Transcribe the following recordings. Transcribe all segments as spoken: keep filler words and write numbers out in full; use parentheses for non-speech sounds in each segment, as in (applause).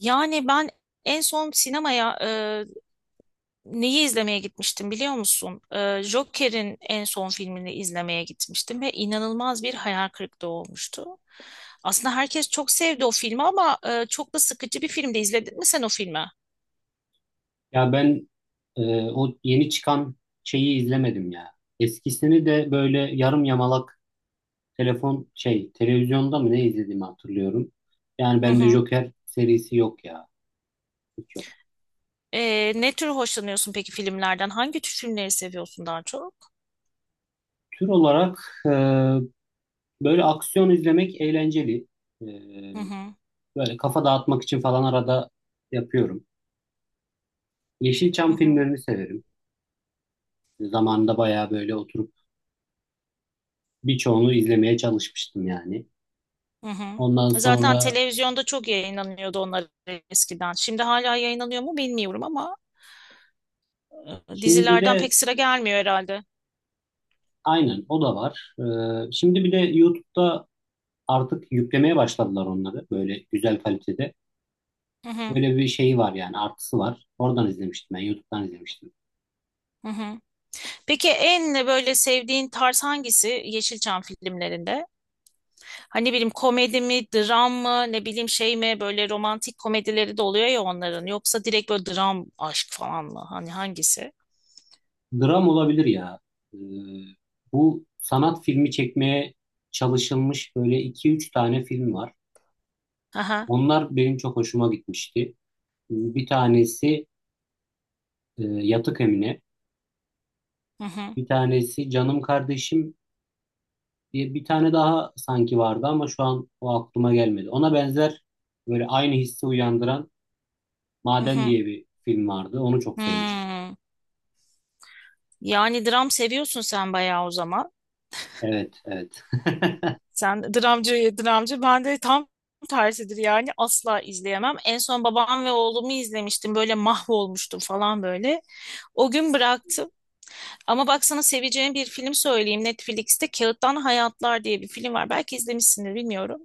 Yani ben en son sinemaya e, neyi izlemeye gitmiştim biliyor musun? E, Joker'in en son filmini izlemeye gitmiştim ve inanılmaz bir hayal kırıklığı olmuştu. Aslında herkes çok sevdi o filmi ama e, çok da sıkıcı bir filmdi. İzledin mi sen o filmi? Ya ben e, o yeni çıkan şeyi izlemedim ya. Eskisini de böyle yarım yamalak telefon şey televizyonda mı ne izlediğimi hatırlıyorum. Yani Hı bende hı. Joker serisi yok ya. Hiç yok. E, ne tür hoşlanıyorsun peki filmlerden? Hangi tür filmleri seviyorsun daha çok? Tür olarak e, böyle aksiyon izlemek eğlenceli. E, Hı hı. böyle kafa dağıtmak için falan arada yapıyorum. Hı Yeşilçam hı. filmlerini severim. Zamanında bayağı böyle oturup birçoğunu izlemeye çalışmıştım yani. Hı hı. Ondan Zaten sonra televizyonda çok yayınlanıyordu onlar eskiden. Şimdi hala yayınlanıyor mu bilmiyorum ama. şimdi Dizilerden de pek sıra gelmiyor herhalde. aynen o da var. Ee, şimdi bir de YouTube'da artık yüklemeye başladılar onları böyle güzel kalitede. Hı hı. Böyle bir şeyi var yani artısı var. Oradan izlemiştim, ben YouTube'dan izlemiştim. Hı hı. Peki en böyle sevdiğin tarz hangisi Yeşilçam filmlerinde? Hani ne bileyim komedi mi, dram mı, ne bileyim şey mi, böyle romantik komedileri de oluyor ya onların. Yoksa direkt böyle dram, aşk falan mı? Hani hangisi? Dram olabilir ya. Ee, bu sanat filmi çekmeye çalışılmış böyle iki üç tane film var. Aha. Onlar benim çok hoşuma gitmişti. Ee, Bir tanesi e, Yatık Emine, Hı hı. bir tanesi Canım Kardeşim, Bir, bir tane daha sanki vardı ama şu an o aklıma gelmedi. Ona benzer böyle aynı hissi uyandıran Hı Maden hı. diye bir film vardı. Onu çok sevmiştim. Hmm. Yani dram seviyorsun sen bayağı o zaman. Evet, evet. (laughs) Sen dramcı, dramcı. Ben de tam tersidir yani, asla izleyemem. En son babam ve oğlumu izlemiştim. Böyle mahvolmuştum falan böyle. O gün bıraktım. Ama baksana, seveceğin bir film söyleyeyim. Netflix'te Kağıttan Hayatlar diye bir film var. Belki izlemişsindir, bilmiyorum.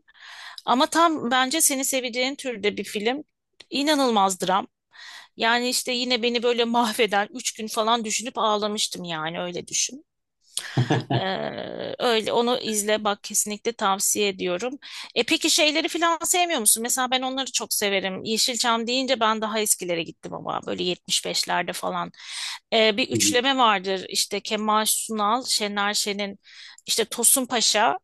Ama tam bence seni seveceğin türde bir film. İnanılmaz dram. Yani işte yine beni böyle mahveden, üç gün falan düşünüp ağlamıştım, yani öyle düşün. Hı Ee, öyle, onu izle bak, kesinlikle tavsiye ediyorum. E peki şeyleri falan sevmiyor musun? Mesela ben onları çok severim. Yeşilçam deyince ben daha eskilere gittim ama, böyle yetmiş beşlerde falan. Ee, bir hı, üçleme vardır işte Kemal Sunal, Şener Şen'in işte Tosun Paşa,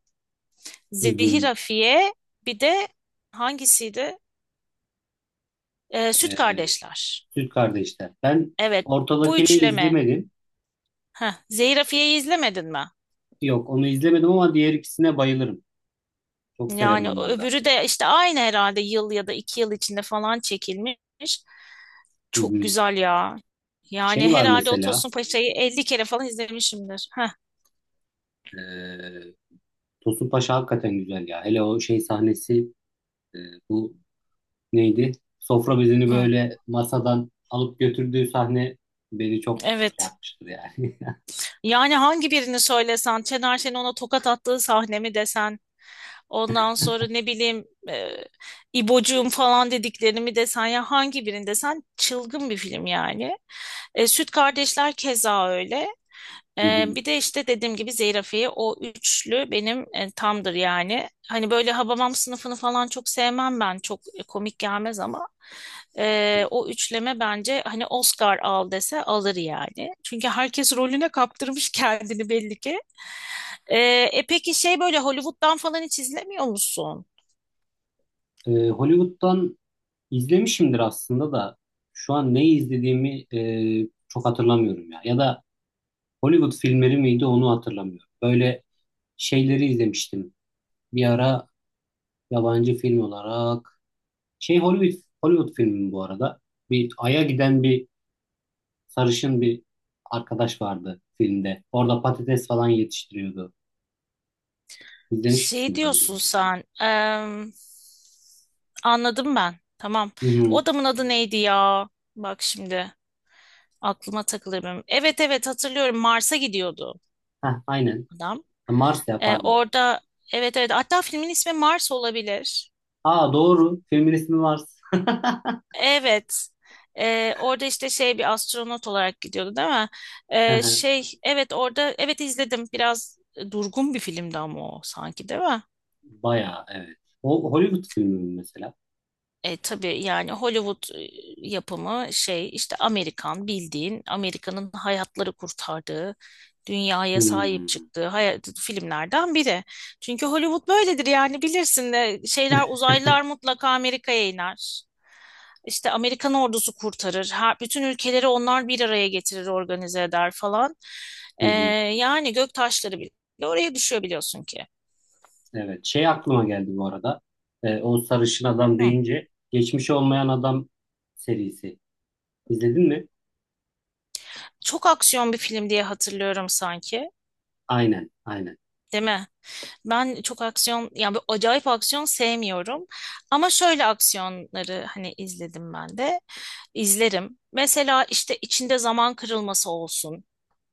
hı Zehir hı. Afiye, bir de hangisiydi? Ee, Süt Ee, Kardeşler. Süt Kardeşler. Ben Evet, bu ortadakini üçleme. izlemedim. Heh, Zehir Afiye'yi izlemedin mi? Yok, onu izlemedim ama diğer ikisine bayılırım. Çok severim Yani onları da. öbürü de işte aynı herhalde yıl ya da iki yıl içinde falan çekilmiş. Hı Çok hı. güzel ya. Yani Şey var herhalde o mesela. Tosun Paşa'yı elli kere falan izlemişimdir. Heh. E, Tosun Paşa hakikaten güzel ya. Hele o şey sahnesi. e, bu neydi? Sofra bezini Hı, böyle masadan alıp götürdüğü sahne beni çok şey evet. yapmıştır yani. Yani hangi birini söylesen, Şener Şen'in ona tokat attığı sahne mi desen, ondan sonra ne bileyim e, İbocuğum falan dediklerini mi desen, ya hangi birini desen, çılgın bir film yani. E, Süt Kardeşler keza öyle. (laughs) Hı Ee, hı. Bir de işte dediğim gibi zeyrafiye, o üçlü benim e, tamdır yani. Hani böyle Habamam sınıfını falan çok sevmem ben. Çok e, komik gelmez ama e, o üçleme bence hani Oscar al dese alır yani. Çünkü herkes rolüne kaptırmış (laughs) kendini belli ki. Ee, E peki şey böyle Hollywood'dan falan hiç izlemiyor musun? Ee, Hollywood'dan izlemişimdir aslında da şu an neyi izlediğimi e, çok hatırlamıyorum ya. Ya da Hollywood filmleri miydi onu hatırlamıyorum. Böyle şeyleri izlemiştim. Bir ara yabancı film olarak şey Hollywood Hollywood filmi bu arada. Bir aya giden bir sarışın bir arkadaş vardı filmde. Orada patates falan yetiştiriyordu. İzlemiş Şey misindir onu? diyorsun sen. Em, anladım ben. Tamam. Hı O hı. adamın adı neydi ya? Bak şimdi. Aklıma takılır benim. Evet evet, hatırlıyorum, Mars'a gidiyordu Heh, aynen. adam. Mars ya, Ee, pardon. Orada evet evet, hatta filmin ismi Mars olabilir. Aa, doğru. Filmin ismi Mars. Evet. Ee, orada işte şey bir astronot olarak gidiyordu değil mi? (laughs) Hı Ee, hı. Şey, evet orada, evet izledim. Biraz durgun bir filmdi ama o, sanki değil mi? Bayağı, evet. O Hollywood filmi mi mesela? E, tabii yani Hollywood e, yapımı şey işte Amerikan, bildiğin Amerika'nın hayatları kurtardığı, dünyaya sahip Hmm. çıktığı hayat, filmlerden biri. Çünkü Hollywood böyledir yani, bilirsin de şeyler, uzaylılar mutlaka Amerika'ya iner. İşte Amerikan ordusu kurtarır. Her, bütün ülkeleri onlar bir araya getirir, organize eder falan. Hı E, hı. Yani gök taşları bile oraya düşüyor biliyorsun ki. Evet. Şey aklıma geldi bu arada. Ee, o sarışın adam Hı. deyince Geçmiş Olmayan Adam serisi. İzledin mi? Çok aksiyon bir film diye hatırlıyorum sanki, Aynen. Aynen. değil mi? Ben çok aksiyon, yani bir acayip aksiyon sevmiyorum. Ama şöyle aksiyonları hani izledim ben de. İzlerim. Mesela işte içinde zaman kırılması olsun.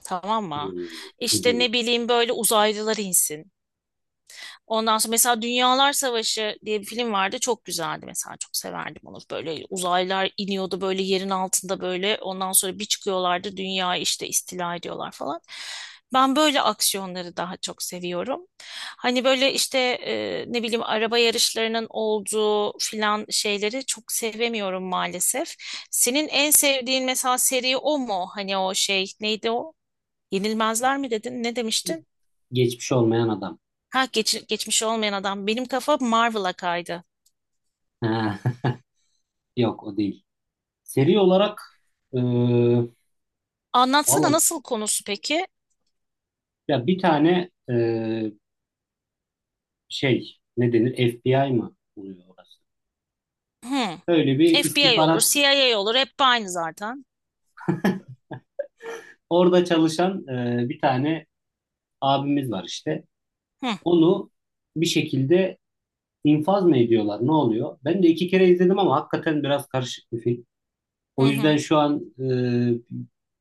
Tamam mı? Hmm. Hı İşte hı. ne bileyim böyle uzaylılar insin. Ondan sonra mesela Dünyalar Savaşı diye bir film vardı. Çok güzeldi mesela. Çok severdim onu. Böyle uzaylılar iniyordu böyle, yerin altında böyle. Ondan sonra bir çıkıyorlardı, dünyayı işte istila ediyorlar falan. Ben böyle aksiyonları daha çok seviyorum. Hani böyle işte e, ne bileyim araba yarışlarının olduğu filan şeyleri çok sevemiyorum maalesef. Senin en sevdiğin mesela seri o mu? Hani o şey neydi o? Yenilmezler mi dedin? Ne demiştin? Geçmiş Olmayan Adam. Ha geç, geçmiş olmayan adam. Benim kafa Marvel'a kaydı. Ha. (laughs) Yok, o değil. Seri olarak e, Anlatsana valla nasıl, konusu peki? ya bir tane e, şey ne denir, F B I mı oluyor orası? Hmm. Böyle bir F B I olur, istihbarat, C I A olur. Hep aynı zaten. orada çalışan e, bir tane abimiz var işte. Hı, Onu bir şekilde infaz mı ediyorlar, ne oluyor? Ben de iki kere izledim ama hakikaten biraz karışık bir film. hı, O yüzden hı. şu an e,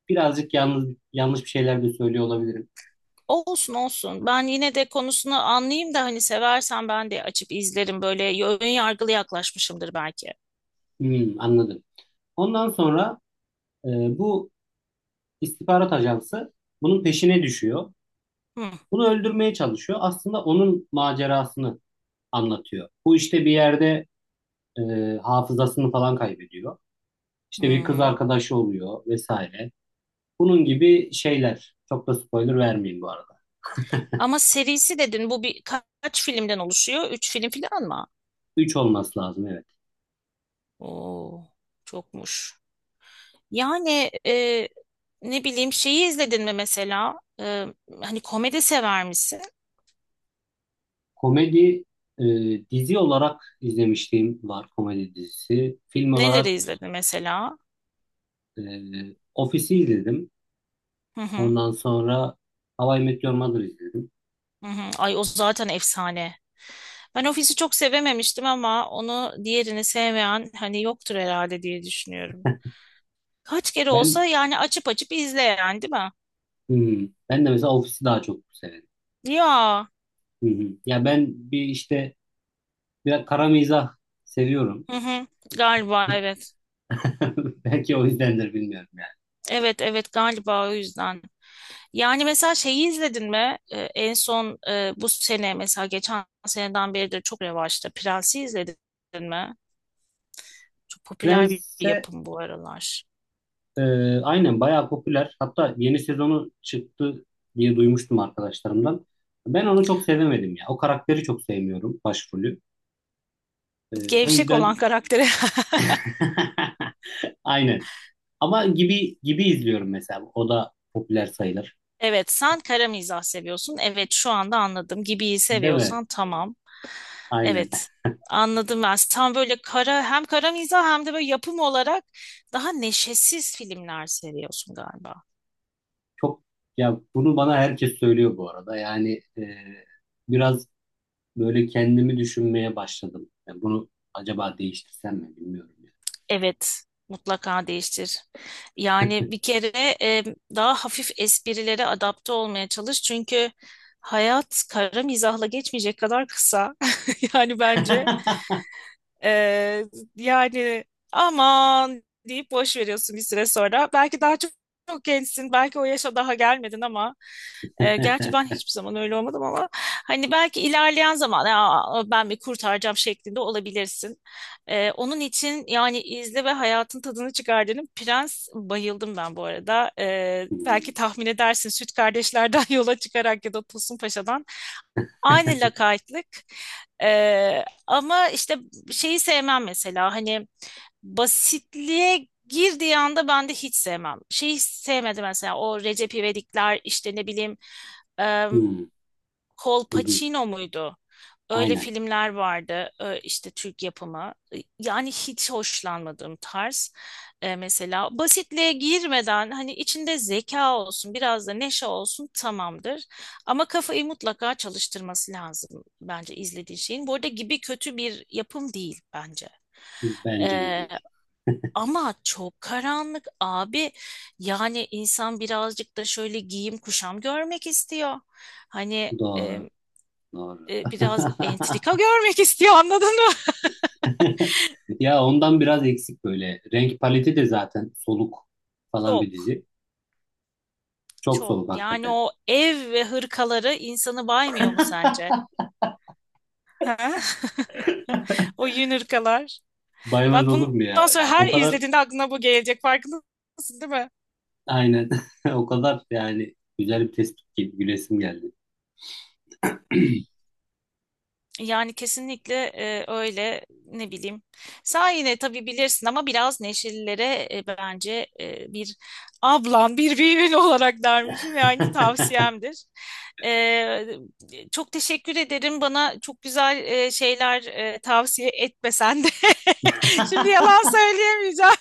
birazcık yalnız, yanlış bir şeyler de söylüyor olabilirim. Olsun olsun. Ben yine de konusunu anlayayım da hani, seversen ben de açıp izlerim. Böyle ön yargılı yaklaşmışımdır belki. Hmm, anladım. Ondan sonra e, bu istihbarat ajansı bunun peşine düşüyor. Hı, Bunu öldürmeye çalışıyor. Aslında onun macerasını anlatıyor. Bu işte bir yerde e, hafızasını falan kaybediyor. İşte bir kız hı. arkadaşı oluyor vesaire. Bunun gibi şeyler. Çok da spoiler vermeyeyim bu arada. Ama serisi dedin, bu bir kaç filmden oluşuyor? Üç film falan mı? Üç olması lazım, evet. Oo, çokmuş. Yani e, ne bileyim şeyi izledin mi mesela? E, hani komedi sever misin? Komedi e, dizi olarak izlemişliğim var, komedi dizisi. Film Neleri olarak izledin mesela? e, Office'i izledim. Hı hı, Ondan sonra How I Met Your Mother izledim. hı hı. Ay o zaten efsane. Ben Ofis'i çok sevememiştim ama onu, diğerini sevmeyen hani yoktur herhalde diye düşünüyorum. Kaç kere olsa Ben yani, açıp açıp izleyen, değil mi? hmm, ben de mesela Office'i daha çok severim. Ya. Hı hı. Ya ben bir işte biraz kara mizah seviyorum. Hı hı. Galiba evet. (laughs) Belki o yüzdendir, bilmiyorum yani. Evet evet, galiba o yüzden. Yani mesela şeyi izledin mi? Ee, en son e, bu sene mesela, geçen seneden beridir çok revaçta. Prens'i izledin mi? Çok popüler bir bir Prens'e yapım bu aralar. e, aynen, bayağı popüler. Hatta yeni sezonu çıktı diye duymuştum arkadaşlarımdan. Ben onu çok sevemedim ya. O karakteri çok sevmiyorum, başrolü. E, o Gevşek olan yüzden karakteri. (laughs) (laughs) aynen. Ama gibi gibi izliyorum mesela. O da popüler sayılır. Evet, sen kara mizah seviyorsun. Evet, şu anda anladım. Gibiyi Değil mi? seviyorsan tamam. Aynen. Evet, anladım ben. Sen böyle kara, hem kara mizah hem de böyle yapım olarak daha neşesiz filmler seviyorsun galiba. Çok, ya bunu bana herkes söylüyor bu arada. Yani e, biraz böyle kendimi düşünmeye başladım. Yani bunu acaba değiştirsem mi, bilmiyorum. Evet, mutlaka değiştir. Yani bir kere e, daha hafif esprilere adapte olmaya çalış. Çünkü hayat kara mizahla geçmeyecek kadar kısa. (laughs) Yani bence. (laughs) Ee, Yani, aman deyip boş veriyorsun bir süre sonra. Belki daha çok, çok gençsin, belki o yaşa daha gelmedin ama e, gerçi ben hiçbir zaman öyle olmadım ama hani belki ilerleyen zaman ya, ben bir kurtaracağım şeklinde olabilirsin. Ee, onun için yani izle ve hayatın tadını çıkar dedim. Prens, bayıldım ben bu arada. Ee, belki Hmm. tahmin edersin Süt Kardeşler'den (laughs) yola çıkarak ya da Tosun Paşa'dan. Aynı lakaytlık. Ee, ama işte şeyi sevmem mesela, hani basitliğe girdiği anda ben de hiç sevmem. Şeyi sevmedim mesela, o Recep İvedikler, işte ne bileyim e, Hmm. Colpacino muydu? Öyle Aynen. filmler vardı e, işte Türk yapımı. E, yani hiç hoşlanmadığım tarz. E, mesela basitliğe girmeden, hani içinde zeka olsun, biraz da neşe olsun, tamamdır. Ama kafayı mutlaka çalıştırması lazım bence izlediğin şeyin. Bu arada gibi kötü bir yapım değil bence. Bence de E, değil. Ama çok karanlık abi. Yani insan birazcık da şöyle giyim kuşam görmek istiyor. Hani Doğru. Doğru. e, biraz entrika (laughs) görmek (laughs) istiyor, anladın mı? Ya ondan biraz eksik böyle. Renk paleti de zaten soluk (laughs) falan Çok bir dizi. Çok çok soluk yani, hakikaten. o ev ve hırkaları insanı baymıyor mu sence? (laughs) Ha? (laughs) O yün hırkalar. Baymaz Bak olur mu bundan ya? sonra Yani her o kadar, izlediğinde aklına bu gelecek, farkındasın değil mi? aynen. (laughs) O kadar yani güzel bir tespit, gibi gülesim geldi. Yani kesinlikle e, öyle, ne bileyim. Sen yine tabii bilirsin ama biraz neşelilere e, bence e, bir ablan, bir büyüğün (laughs) olarak dermişim, yani tavsiyemdir. E, Çok teşekkür ederim, bana çok güzel e, şeyler e, tavsiye etmesen de. (laughs) Şimdi yalan (laughs) söyleyemeyeceğim.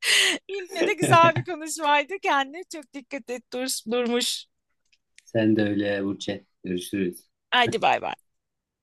(laughs) Yine de güzel bir konuşmaydı. Kendine çok dikkat et. Dur, durmuş. Sen de öyle Burçe. Görüşürüz. Hadi bay bay.